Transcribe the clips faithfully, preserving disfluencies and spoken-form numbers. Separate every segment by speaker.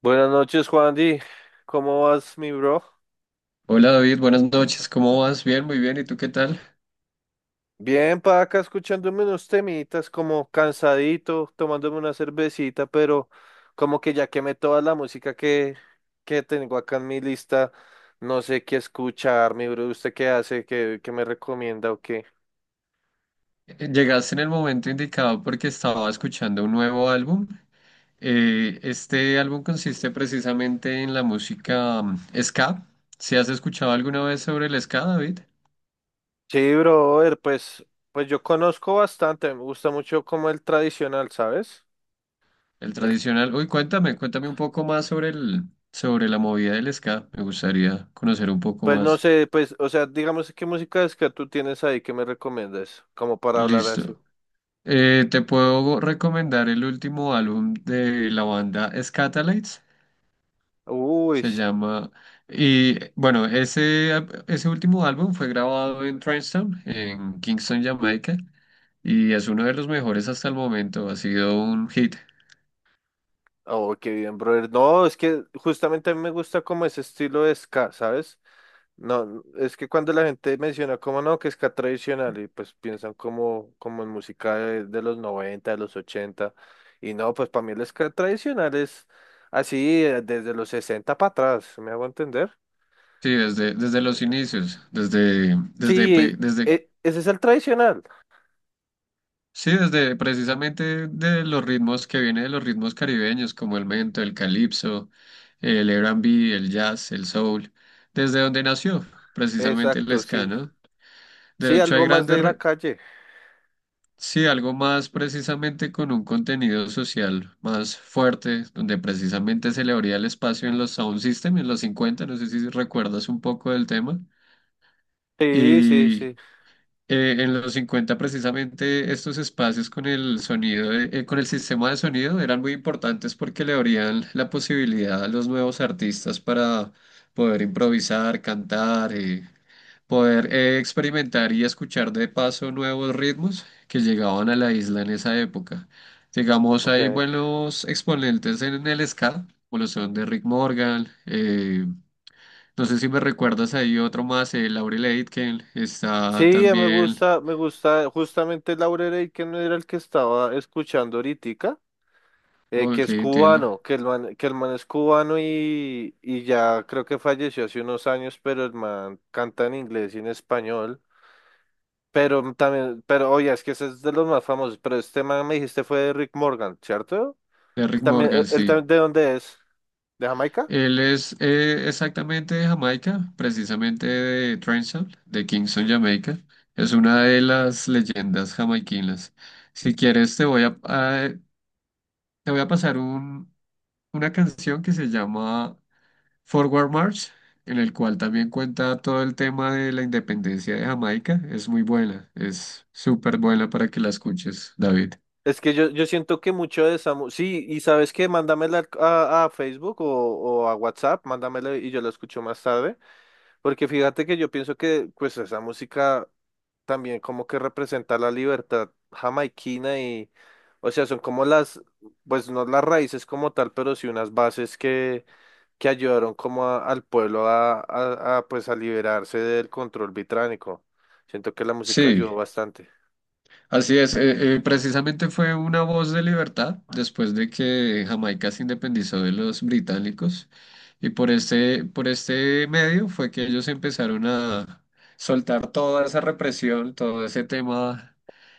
Speaker 1: Buenas noches, Juan Di. ¿Cómo vas, mi bro?
Speaker 2: Hola David, buenas noches, ¿cómo vas? Bien, muy bien, ¿y tú qué tal?
Speaker 1: Bien, pa' acá escuchándome unos temitas, como cansadito, tomándome una cervecita, pero como que ya quemé toda la música que, que tengo acá en mi lista, no sé qué escuchar, mi bro. ¿Usted qué hace? ¿Qué, qué me recomienda o qué?
Speaker 2: Eh, Llegaste en el momento indicado porque estaba escuchando un nuevo álbum. Eh, este álbum consiste precisamente en la música mm, ska. ¿Si has escuchado alguna vez sobre el ska, David?
Speaker 1: Sí, brother, pues, pues yo conozco bastante, me gusta mucho como el tradicional, ¿sabes?
Speaker 2: El
Speaker 1: El,
Speaker 2: tradicional. Uy, cuéntame, cuéntame un poco más sobre el, sobre la movida del ska. Me gustaría conocer un poco
Speaker 1: pues no
Speaker 2: más.
Speaker 1: sé, pues, o sea, digamos qué música es que tú tienes ahí que me recomiendas, como para hablar así.
Speaker 2: Listo. Eh, te puedo recomendar el último álbum de la banda Scatalites.
Speaker 1: Uy,
Speaker 2: Se llama... Y bueno, ese, ap- ese último álbum fue grabado en Trenchtown, en Kingston, Jamaica, y es uno de los mejores hasta el momento. Ha sido un hit.
Speaker 1: oh, qué bien, brother. No, es que justamente a mí me gusta como ese estilo de ska, ¿sabes? No, es que cuando la gente menciona como no, que ska tradicional y pues piensan como, como en música de, de los noventa, de los ochenta y no, pues para mí el ska tradicional es así eh, desde los sesenta para atrás, ¿sí? ¿Me hago entender?
Speaker 2: Sí, desde, desde los inicios, desde, desde, pe-
Speaker 1: Sí,
Speaker 2: desde,
Speaker 1: e- ese es el tradicional.
Speaker 2: sí, desde precisamente de los ritmos que viene de los ritmos caribeños, como el mento, el calipso, el R and B, el jazz, el soul, desde donde nació precisamente el
Speaker 1: Exacto,
Speaker 2: ska,
Speaker 1: sí.
Speaker 2: ¿no? De
Speaker 1: Sí,
Speaker 2: hecho, hay
Speaker 1: algo más
Speaker 2: grandes,
Speaker 1: de la
Speaker 2: re-
Speaker 1: calle.
Speaker 2: sí, algo más precisamente con un contenido social más fuerte, donde precisamente se le abría el espacio en los sound system en los cincuenta. No sé si recuerdas un poco del tema.
Speaker 1: Sí, sí,
Speaker 2: Y
Speaker 1: sí.
Speaker 2: eh, en los cincuenta precisamente estos espacios con el sonido, de- eh, con el sistema de sonido eran muy importantes porque le abrían la posibilidad a los nuevos artistas para poder improvisar, cantar. Eh, poder eh, experimentar y escuchar de paso nuevos ritmos que llegaban a la isla en esa época. Digamos, hay
Speaker 1: Ok.
Speaker 2: buenos exponentes en el ska, como lo son de Rick Morgan, eh, no sé si me recuerdas ahí otro más, eh, Laurel Aitken, está
Speaker 1: Sí, eh, me
Speaker 2: también,
Speaker 1: gusta, me gusta justamente Laurel que no era el que estaba escuchando ahorita, eh, que
Speaker 2: ok,
Speaker 1: es
Speaker 2: entiendo,
Speaker 1: cubano, que el man, que el man es cubano y, y ya creo que falleció hace unos años, pero el man canta en inglés y en español. Pero también, pero oye, es que ese es de los más famosos, pero este man me dijiste fue de Rick Morgan, ¿cierto?
Speaker 2: de Rick
Speaker 1: Él también,
Speaker 2: Morgan,
Speaker 1: él él
Speaker 2: sí.
Speaker 1: también, ¿de dónde es? ¿De Jamaica?
Speaker 2: Él es eh, exactamente de Jamaica, precisamente de Trenchard, de Kingston, Jamaica. Es una de las leyendas jamaiquinas. Si quieres, te voy a, a- te voy a pasar un, una canción que se llama Forward March, en el cual también cuenta todo el tema de la independencia de Jamaica. Es muy buena, es súper buena para que la escuches, David.
Speaker 1: Es que yo, yo siento que mucho de esa... mu- Sí, y ¿sabes qué? Mándamela al- a, a Facebook o, o a WhatsApp, mándamela y yo la escucho más tarde, porque fíjate que yo pienso que pues esa música también como que representa la libertad jamaiquina y, o sea, son como las, pues no las raíces como tal, pero sí unas bases que, que ayudaron como a- al pueblo a, a, a, pues a liberarse del control británico. Siento que la música
Speaker 2: Sí.
Speaker 1: ayudó bastante.
Speaker 2: Así es, eh, eh, precisamente fue una voz de libertad después de que Jamaica se independizó de los británicos y por este, por este medio fue que ellos empezaron a soltar toda esa represión, todo ese tema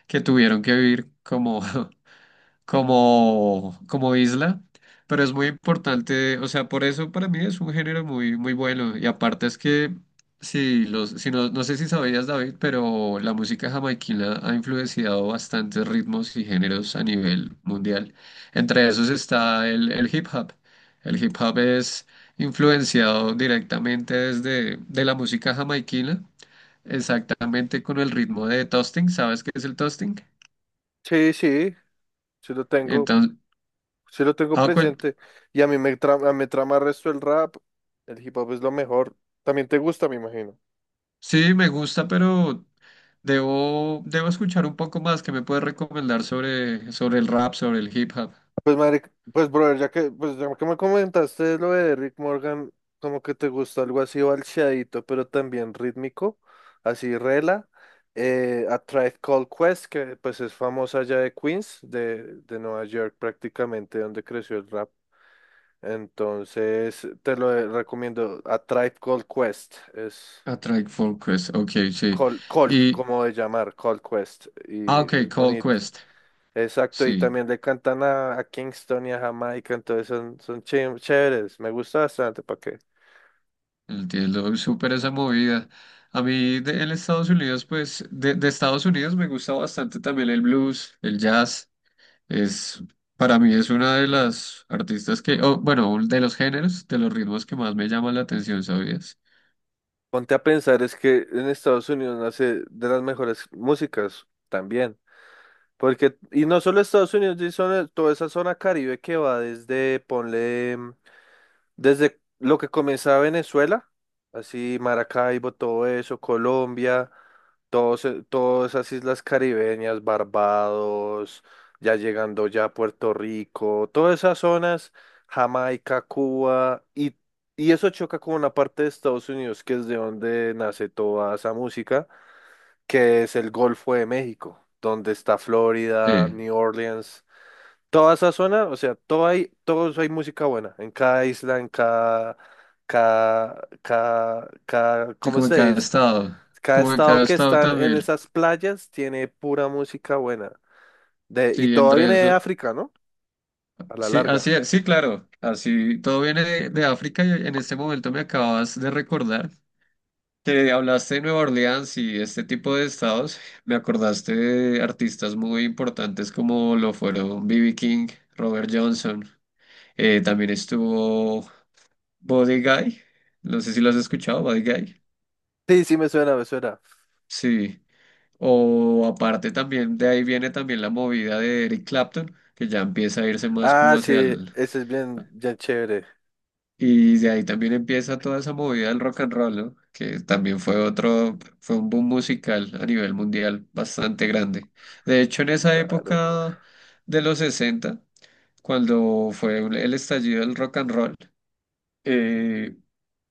Speaker 2: que tuvieron que vivir como como, como isla, pero es muy importante, o sea, por eso para mí es un género muy, muy bueno. Y aparte es que, si los, si no, no sé si sabías, David, pero la música jamaiquina ha influenciado bastantes ritmos y géneros a nivel mundial. Entre esos está el, el hip hop. El hip hop es influenciado directamente desde de la música jamaiquina, exactamente con el ritmo de toasting. ¿Sabes qué es el toasting?
Speaker 1: Sí, sí, sí lo tengo.
Speaker 2: Entonces,
Speaker 1: Sí lo tengo presente. Y a mí me trama, me trama el resto el rap. El hip hop es lo mejor. También te gusta, me imagino.
Speaker 2: sí, me gusta, pero debo, debo escuchar un poco más. ¿Qué me puedes recomendar sobre, sobre el rap, sobre el hip hop?
Speaker 1: Pues, madre, pues, brother, ya que, pues, ya que me comentaste lo de Rick Morgan, como que te gusta algo así balcheadito, pero también rítmico, así rela. Eh, A Tribe Called Quest, que pues es famosa allá de Queens, de, de Nueva York prácticamente, donde creció el rap. Entonces, te lo recomiendo, A Tribe Called Quest, es...
Speaker 2: A Tribe Called Quest, ok, sí.
Speaker 1: Cold, Cold,
Speaker 2: Y,
Speaker 1: como de llamar, Cold Quest,
Speaker 2: ah,
Speaker 1: y
Speaker 2: ok,
Speaker 1: es
Speaker 2: Cold
Speaker 1: bonita.
Speaker 2: Quest,
Speaker 1: Exacto, y
Speaker 2: sí,
Speaker 1: también le cantan a, a Kingston y a Jamaica, entonces son, son ché- chéveres, me gusta bastante, ¿para qué?
Speaker 2: entiendo súper esa movida. A mí de, en Estados Unidos, pues, de, de Estados Unidos me gusta bastante también el blues, el jazz. Es, para mí es una de las artistas que, oh, bueno, un- de los géneros, de los ritmos que más me llaman la atención, ¿sabías?
Speaker 1: Ponte a pensar, es que en Estados Unidos nace de las mejores músicas también, porque, y no solo Estados Unidos, sí, son- toda esa zona Caribe que va desde, ponle... Desde lo que comenzaba Venezuela, así Maracaibo, todo eso, Colombia, todos, e- todas esas islas caribeñas, Barbados, ya llegando ya a Puerto Rico, todas esas zonas, Jamaica, Cuba, y, y eso choca con una parte de Estados Unidos, que es de donde nace toda esa música, que es el Golfo de México, donde está Florida,
Speaker 2: Sí.
Speaker 1: New Orleans. Toda esa zona, o sea, todo hay, todos hay música buena, en cada isla, en cada, cada, cada, cada,
Speaker 2: Sí,
Speaker 1: ¿cómo
Speaker 2: como en
Speaker 1: se
Speaker 2: cada
Speaker 1: dice?
Speaker 2: estado.
Speaker 1: Cada
Speaker 2: Como en
Speaker 1: estado
Speaker 2: cada
Speaker 1: que
Speaker 2: estado
Speaker 1: están en
Speaker 2: también.
Speaker 1: esas playas tiene pura música buena. De, y
Speaker 2: Sí,
Speaker 1: todo
Speaker 2: entre
Speaker 1: viene de
Speaker 2: eso.
Speaker 1: África, ¿no? A la
Speaker 2: Sí, así
Speaker 1: larga.
Speaker 2: es. Sí, claro. Así todo viene de, de África y en este momento me acabas de recordar que hablaste de Nueva Orleans y este tipo de estados. Me acordaste de artistas muy importantes como lo fueron B B. King, Robert Johnson. Eh, también estuvo Body Guy. No sé si lo has escuchado, Body Guy.
Speaker 1: Sí, sí, me suena, me suena.
Speaker 2: Sí. O aparte también, de ahí viene también la movida de Eric Clapton, que ya empieza a irse más como
Speaker 1: Ah,
Speaker 2: hacia
Speaker 1: sí,
Speaker 2: el...
Speaker 1: ese es bien, bien chévere.
Speaker 2: Y de ahí también empieza toda esa movida del rock and roll, ¿no? Que también fue otro, fue un boom musical a nivel mundial bastante grande. De hecho, en esa
Speaker 1: Claro.
Speaker 2: época de los sesenta cuando fue el estallido del rock and roll, eh,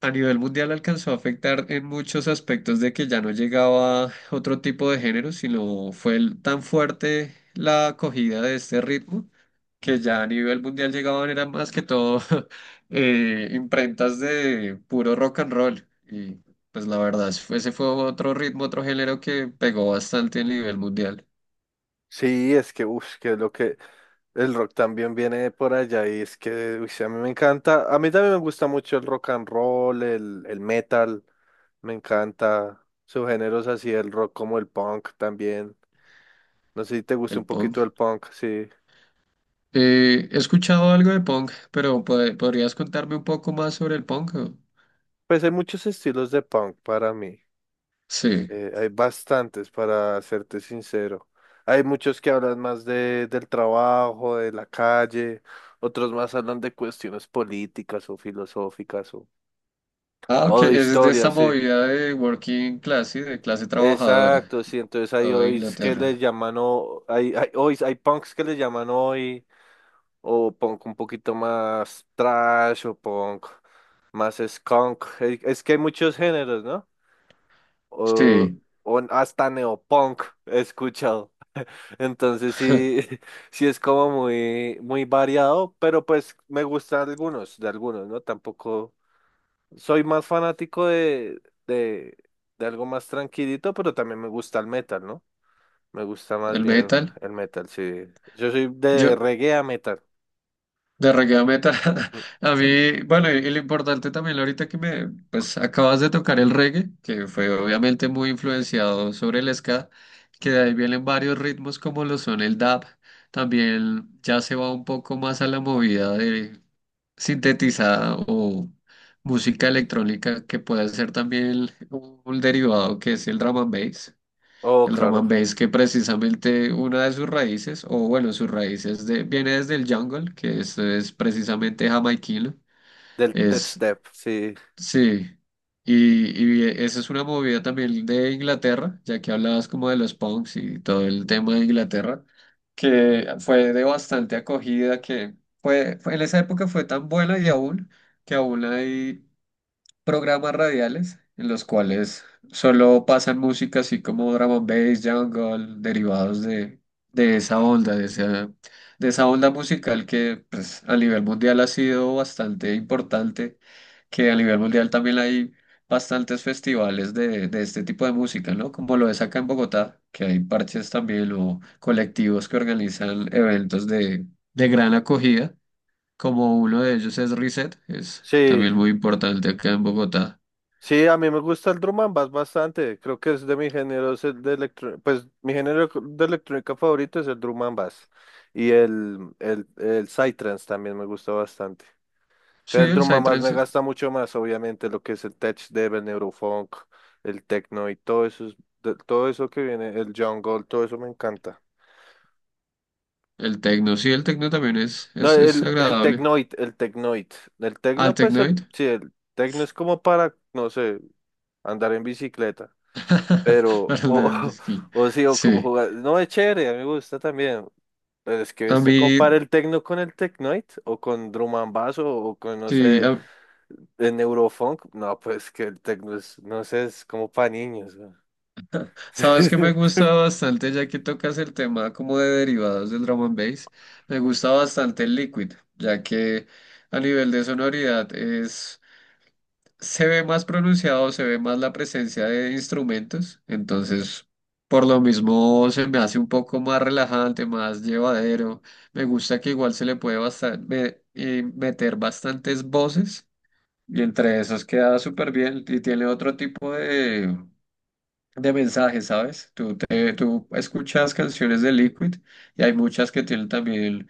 Speaker 2: a nivel mundial alcanzó a afectar en muchos aspectos de que ya no llegaba otro tipo de género, sino fue el- tan fuerte la acogida de este ritmo que ya a nivel mundial llegaban eran más que todo eh, imprentas de puro rock and roll. Y pues la verdad, fue- ese fue otro ritmo, otro género que pegó bastante a nivel mundial,
Speaker 1: Sí, es que, uff, que es lo que el rock también viene de por allá y es que, uy, sí, a mí me encanta, a mí también me gusta mucho el rock and roll, el, el metal. Me encanta subgéneros así, el rock como el punk también. No sé si te gusta
Speaker 2: el
Speaker 1: un
Speaker 2: punk.
Speaker 1: poquito el punk, sí.
Speaker 2: Eh, he escuchado algo de punk, pero pod- ¿podrías contarme un poco más sobre el punk?
Speaker 1: Pues hay muchos estilos de punk para mí.
Speaker 2: Sí.
Speaker 1: Eh, hay bastantes, para serte sincero. Hay muchos que hablan más de, del trabajo, de la calle, otros más hablan de cuestiones políticas o filosóficas o,
Speaker 2: Ah, ok,
Speaker 1: o de
Speaker 2: es de
Speaker 1: historia,
Speaker 2: esa
Speaker 1: sí.
Speaker 2: movida de working class, ¿sí? De clase trabajadora,
Speaker 1: Exacto, sí. Entonces hay
Speaker 2: o de
Speaker 1: hoy que les
Speaker 2: Inglaterra.
Speaker 1: llaman, o, hay, hay, hoy, hay punks que les llaman hoy o punk un poquito más trash o punk más skunk. Eh, Es que hay muchos géneros, ¿no? O,
Speaker 2: Sí,
Speaker 1: o hasta neopunk he escuchado. Entonces sí, sí es como muy, muy variado, pero pues me gustan algunos, de algunos, ¿no? Tampoco soy más fanático de, de, de algo más tranquilito, pero también me gusta el metal, ¿no? Me gusta más
Speaker 2: el
Speaker 1: bien
Speaker 2: metal.
Speaker 1: el metal, sí. Yo soy de
Speaker 2: Yo,
Speaker 1: reggae a metal.
Speaker 2: de reggae a metal.
Speaker 1: Mm.
Speaker 2: A mí, bueno, y, y lo importante también ahorita que me, pues acabas de tocar el reggae, que fue obviamente muy influenciado sobre el ska, que de ahí vienen varios ritmos como lo son el dub. También ya se va un poco más a la movida de sintetizada o música electrónica que puede ser también el- un derivado que es el drum and bass.
Speaker 1: Oh,
Speaker 2: El drum
Speaker 1: claro.
Speaker 2: and bass que precisamente una de sus raíces, o bueno, sus raíces de- viene desde el jungle, que es, es precisamente jamaiquino.
Speaker 1: Del tech
Speaker 2: Es
Speaker 1: step, sí.
Speaker 2: sí, y, y esa es una movida también de Inglaterra, ya que hablabas como de los punks y todo el tema de Inglaterra, que fue de bastante acogida, que fue, fue- en esa época fue tan buena y aún, que aún hay programas radiales en los cuales solo pasan música así como drum and bass, jungle, derivados de, de esa onda, de esa, de esa onda musical que pues, a nivel mundial ha sido bastante importante, que a nivel mundial también hay bastantes festivales de, de este tipo de música, ¿no? Como lo es acá en Bogotá, que hay parches también o colectivos que organizan eventos de, de gran acogida como uno de ellos es Reset, es
Speaker 1: Sí,
Speaker 2: también muy importante acá en Bogotá.
Speaker 1: sí, a mí me gusta el drum and bass bastante. Creo que es de mi género es el de electro, pues mi género de electrónica favorito es el drum and bass y el el el psytrance también me gusta bastante.
Speaker 2: Sí,
Speaker 1: Pero el
Speaker 2: el
Speaker 1: Eldrum más me
Speaker 2: Psytrance,
Speaker 1: gasta mucho más, obviamente, lo que es el tech dev, el neurofunk, el techno y todo eso, es- de- todo eso que viene, el jungle, todo eso me encanta.
Speaker 2: el techno, sí, el techno también es,
Speaker 1: No,
Speaker 2: es, es
Speaker 1: el, el
Speaker 2: agradable.
Speaker 1: technoid, el technoid. El
Speaker 2: Al
Speaker 1: techno, pues,
Speaker 2: Technoid,
Speaker 1: el, sí, el techno es como para, no sé, andar en bicicleta, pero,
Speaker 2: para andar
Speaker 1: o,
Speaker 2: en bicicleta.
Speaker 1: o, sí, o como
Speaker 2: Sí,
Speaker 1: jugar. No, es chévere, a mí me gusta también. Pero es que
Speaker 2: a
Speaker 1: usted
Speaker 2: mí,
Speaker 1: compara el techno con el technoid, o con drum and bass, o o con, no
Speaker 2: sí,
Speaker 1: sé.
Speaker 2: a-
Speaker 1: En Eurofunk, no, pues que el techno es, no sé, es como para niños. ¿No?
Speaker 2: sabes que me gusta bastante, ya que tocas el tema como de derivados del drum and bass, me gusta bastante el Liquid, ya que a nivel de sonoridad es. Se ve más pronunciado, se ve más la presencia de instrumentos, entonces por lo mismo se me hace un poco más relajante, más llevadero. Me gusta que igual se le puede basta- me- eh, meter bastantes voces y entre esas queda súper bien y tiene otro tipo de de mensajes, ¿sabes? Tú, te, tú escuchas canciones de Liquid y hay muchas que tienen también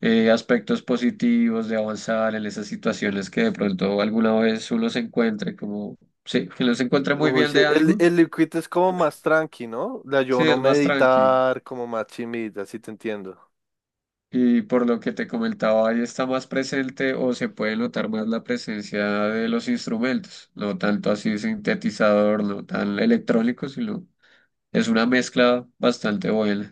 Speaker 2: eh, aspectos positivos de avanzar en esas situaciones que de pronto alguna vez uno se encuentre como, sí, que uno se encuentra muy
Speaker 1: Uy,
Speaker 2: bien
Speaker 1: sí,
Speaker 2: de
Speaker 1: el,
Speaker 2: ánimo,
Speaker 1: el liquid es como más tranqui, ¿no? La
Speaker 2: sí,
Speaker 1: yo no
Speaker 2: es más tranqui.
Speaker 1: meditar, como más chimita, así te entiendo.
Speaker 2: Y por lo que te comentaba, ahí está más presente o se puede notar más la presencia de los instrumentos, no tanto así sintetizador, no tan electrónico, sino es una mezcla bastante buena.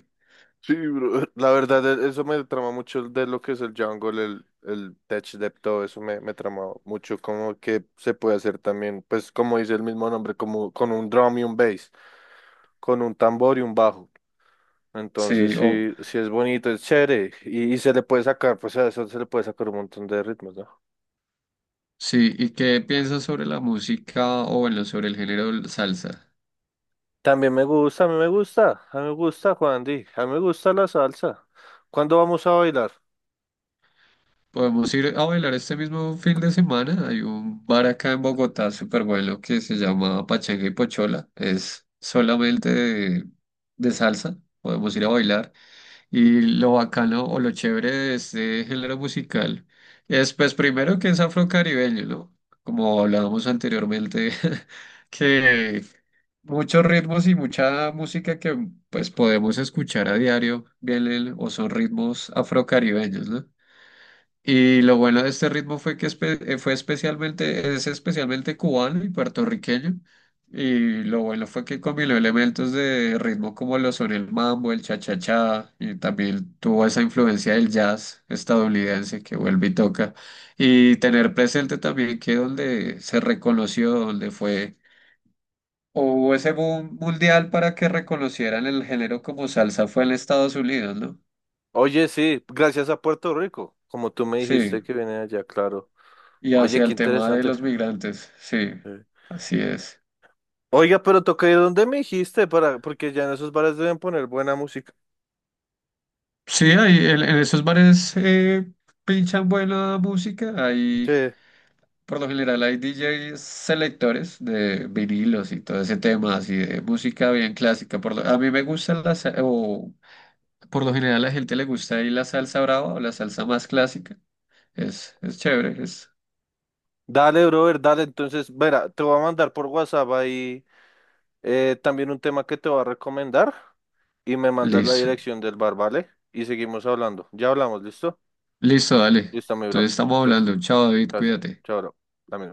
Speaker 1: Sí, bro. La verdad, e- eso me trama mucho de lo que es el jungle, el, el tech dev, todo eso me, me trama mucho, como que se puede hacer también, pues como dice el mismo nombre, como con un drum y un bass, con un tambor y un bajo. Entonces
Speaker 2: Sí, o,
Speaker 1: sí, sí es bonito, es chévere. Y, y se le puede sacar, pues a eso se le puede sacar un montón de ritmos, ¿no?
Speaker 2: sí, ¿y qué piensas sobre la música o bueno, sobre el género del salsa?
Speaker 1: También me gusta, a mí me gusta, a mí me gusta, Juan Di, a mí me gusta la salsa. ¿Cuándo vamos a bailar?
Speaker 2: Podemos ir a bailar este mismo fin de semana. Hay un bar acá en Bogotá súper bueno que se llama Pachanga y Pochola. Es solamente de, de salsa. Podemos ir a bailar. Y lo bacano o lo chévere de este género musical es, pues, primero que es afrocaribeño, ¿no? Como hablábamos anteriormente, que muchos ritmos y mucha música que pues podemos escuchar a diario, vienen o son ritmos afrocaribeños, ¿no? Y lo bueno de este ritmo fue que espe- eh, fue especialmente, es especialmente cubano y puertorriqueño. Y lo bueno fue que combinó elementos de ritmo como lo son el mambo, el cha-cha-cha, y también tuvo esa influencia del jazz estadounidense que vuelve y toca. Y tener presente también que donde se reconoció, donde fue o ese boom mundial para que reconocieran el género como salsa fue en Estados Unidos, ¿no?
Speaker 1: Oye, sí, gracias a Puerto Rico, como tú me
Speaker 2: Sí,
Speaker 1: dijiste que viene allá, claro.
Speaker 2: y
Speaker 1: Oye,
Speaker 2: hacia
Speaker 1: qué
Speaker 2: el tema de
Speaker 1: interesante.
Speaker 2: los migrantes, sí,
Speaker 1: Sí.
Speaker 2: así es.
Speaker 1: Oiga, pero toca ir donde me dijiste, para, porque ya en esos bares deben poner buena música.
Speaker 2: Sí, ahí en, en esos bares eh, pinchan buena música,
Speaker 1: Sí.
Speaker 2: ahí por lo general hay D Js selectores de vinilos y todo ese tema, así de música bien clásica. Por lo- a mí me gusta la, sa- o por lo general a la gente le gusta ahí la salsa brava o la salsa más clásica, es, es chévere, es
Speaker 1: Dale, brother, dale. Entonces, verá, te voy a mandar por WhatsApp ahí eh, también un tema que te voy a recomendar. Y me mandas la
Speaker 2: liso.
Speaker 1: dirección del bar, ¿vale? Y seguimos hablando. Ya hablamos, ¿listo?
Speaker 2: Listo, dale.
Speaker 1: Listo, mi bro.
Speaker 2: Entonces estamos
Speaker 1: Chao, chao.
Speaker 2: hablando. Chao, David,
Speaker 1: Chao, chao.
Speaker 2: cuídate.
Speaker 1: Chao, bro. Dame.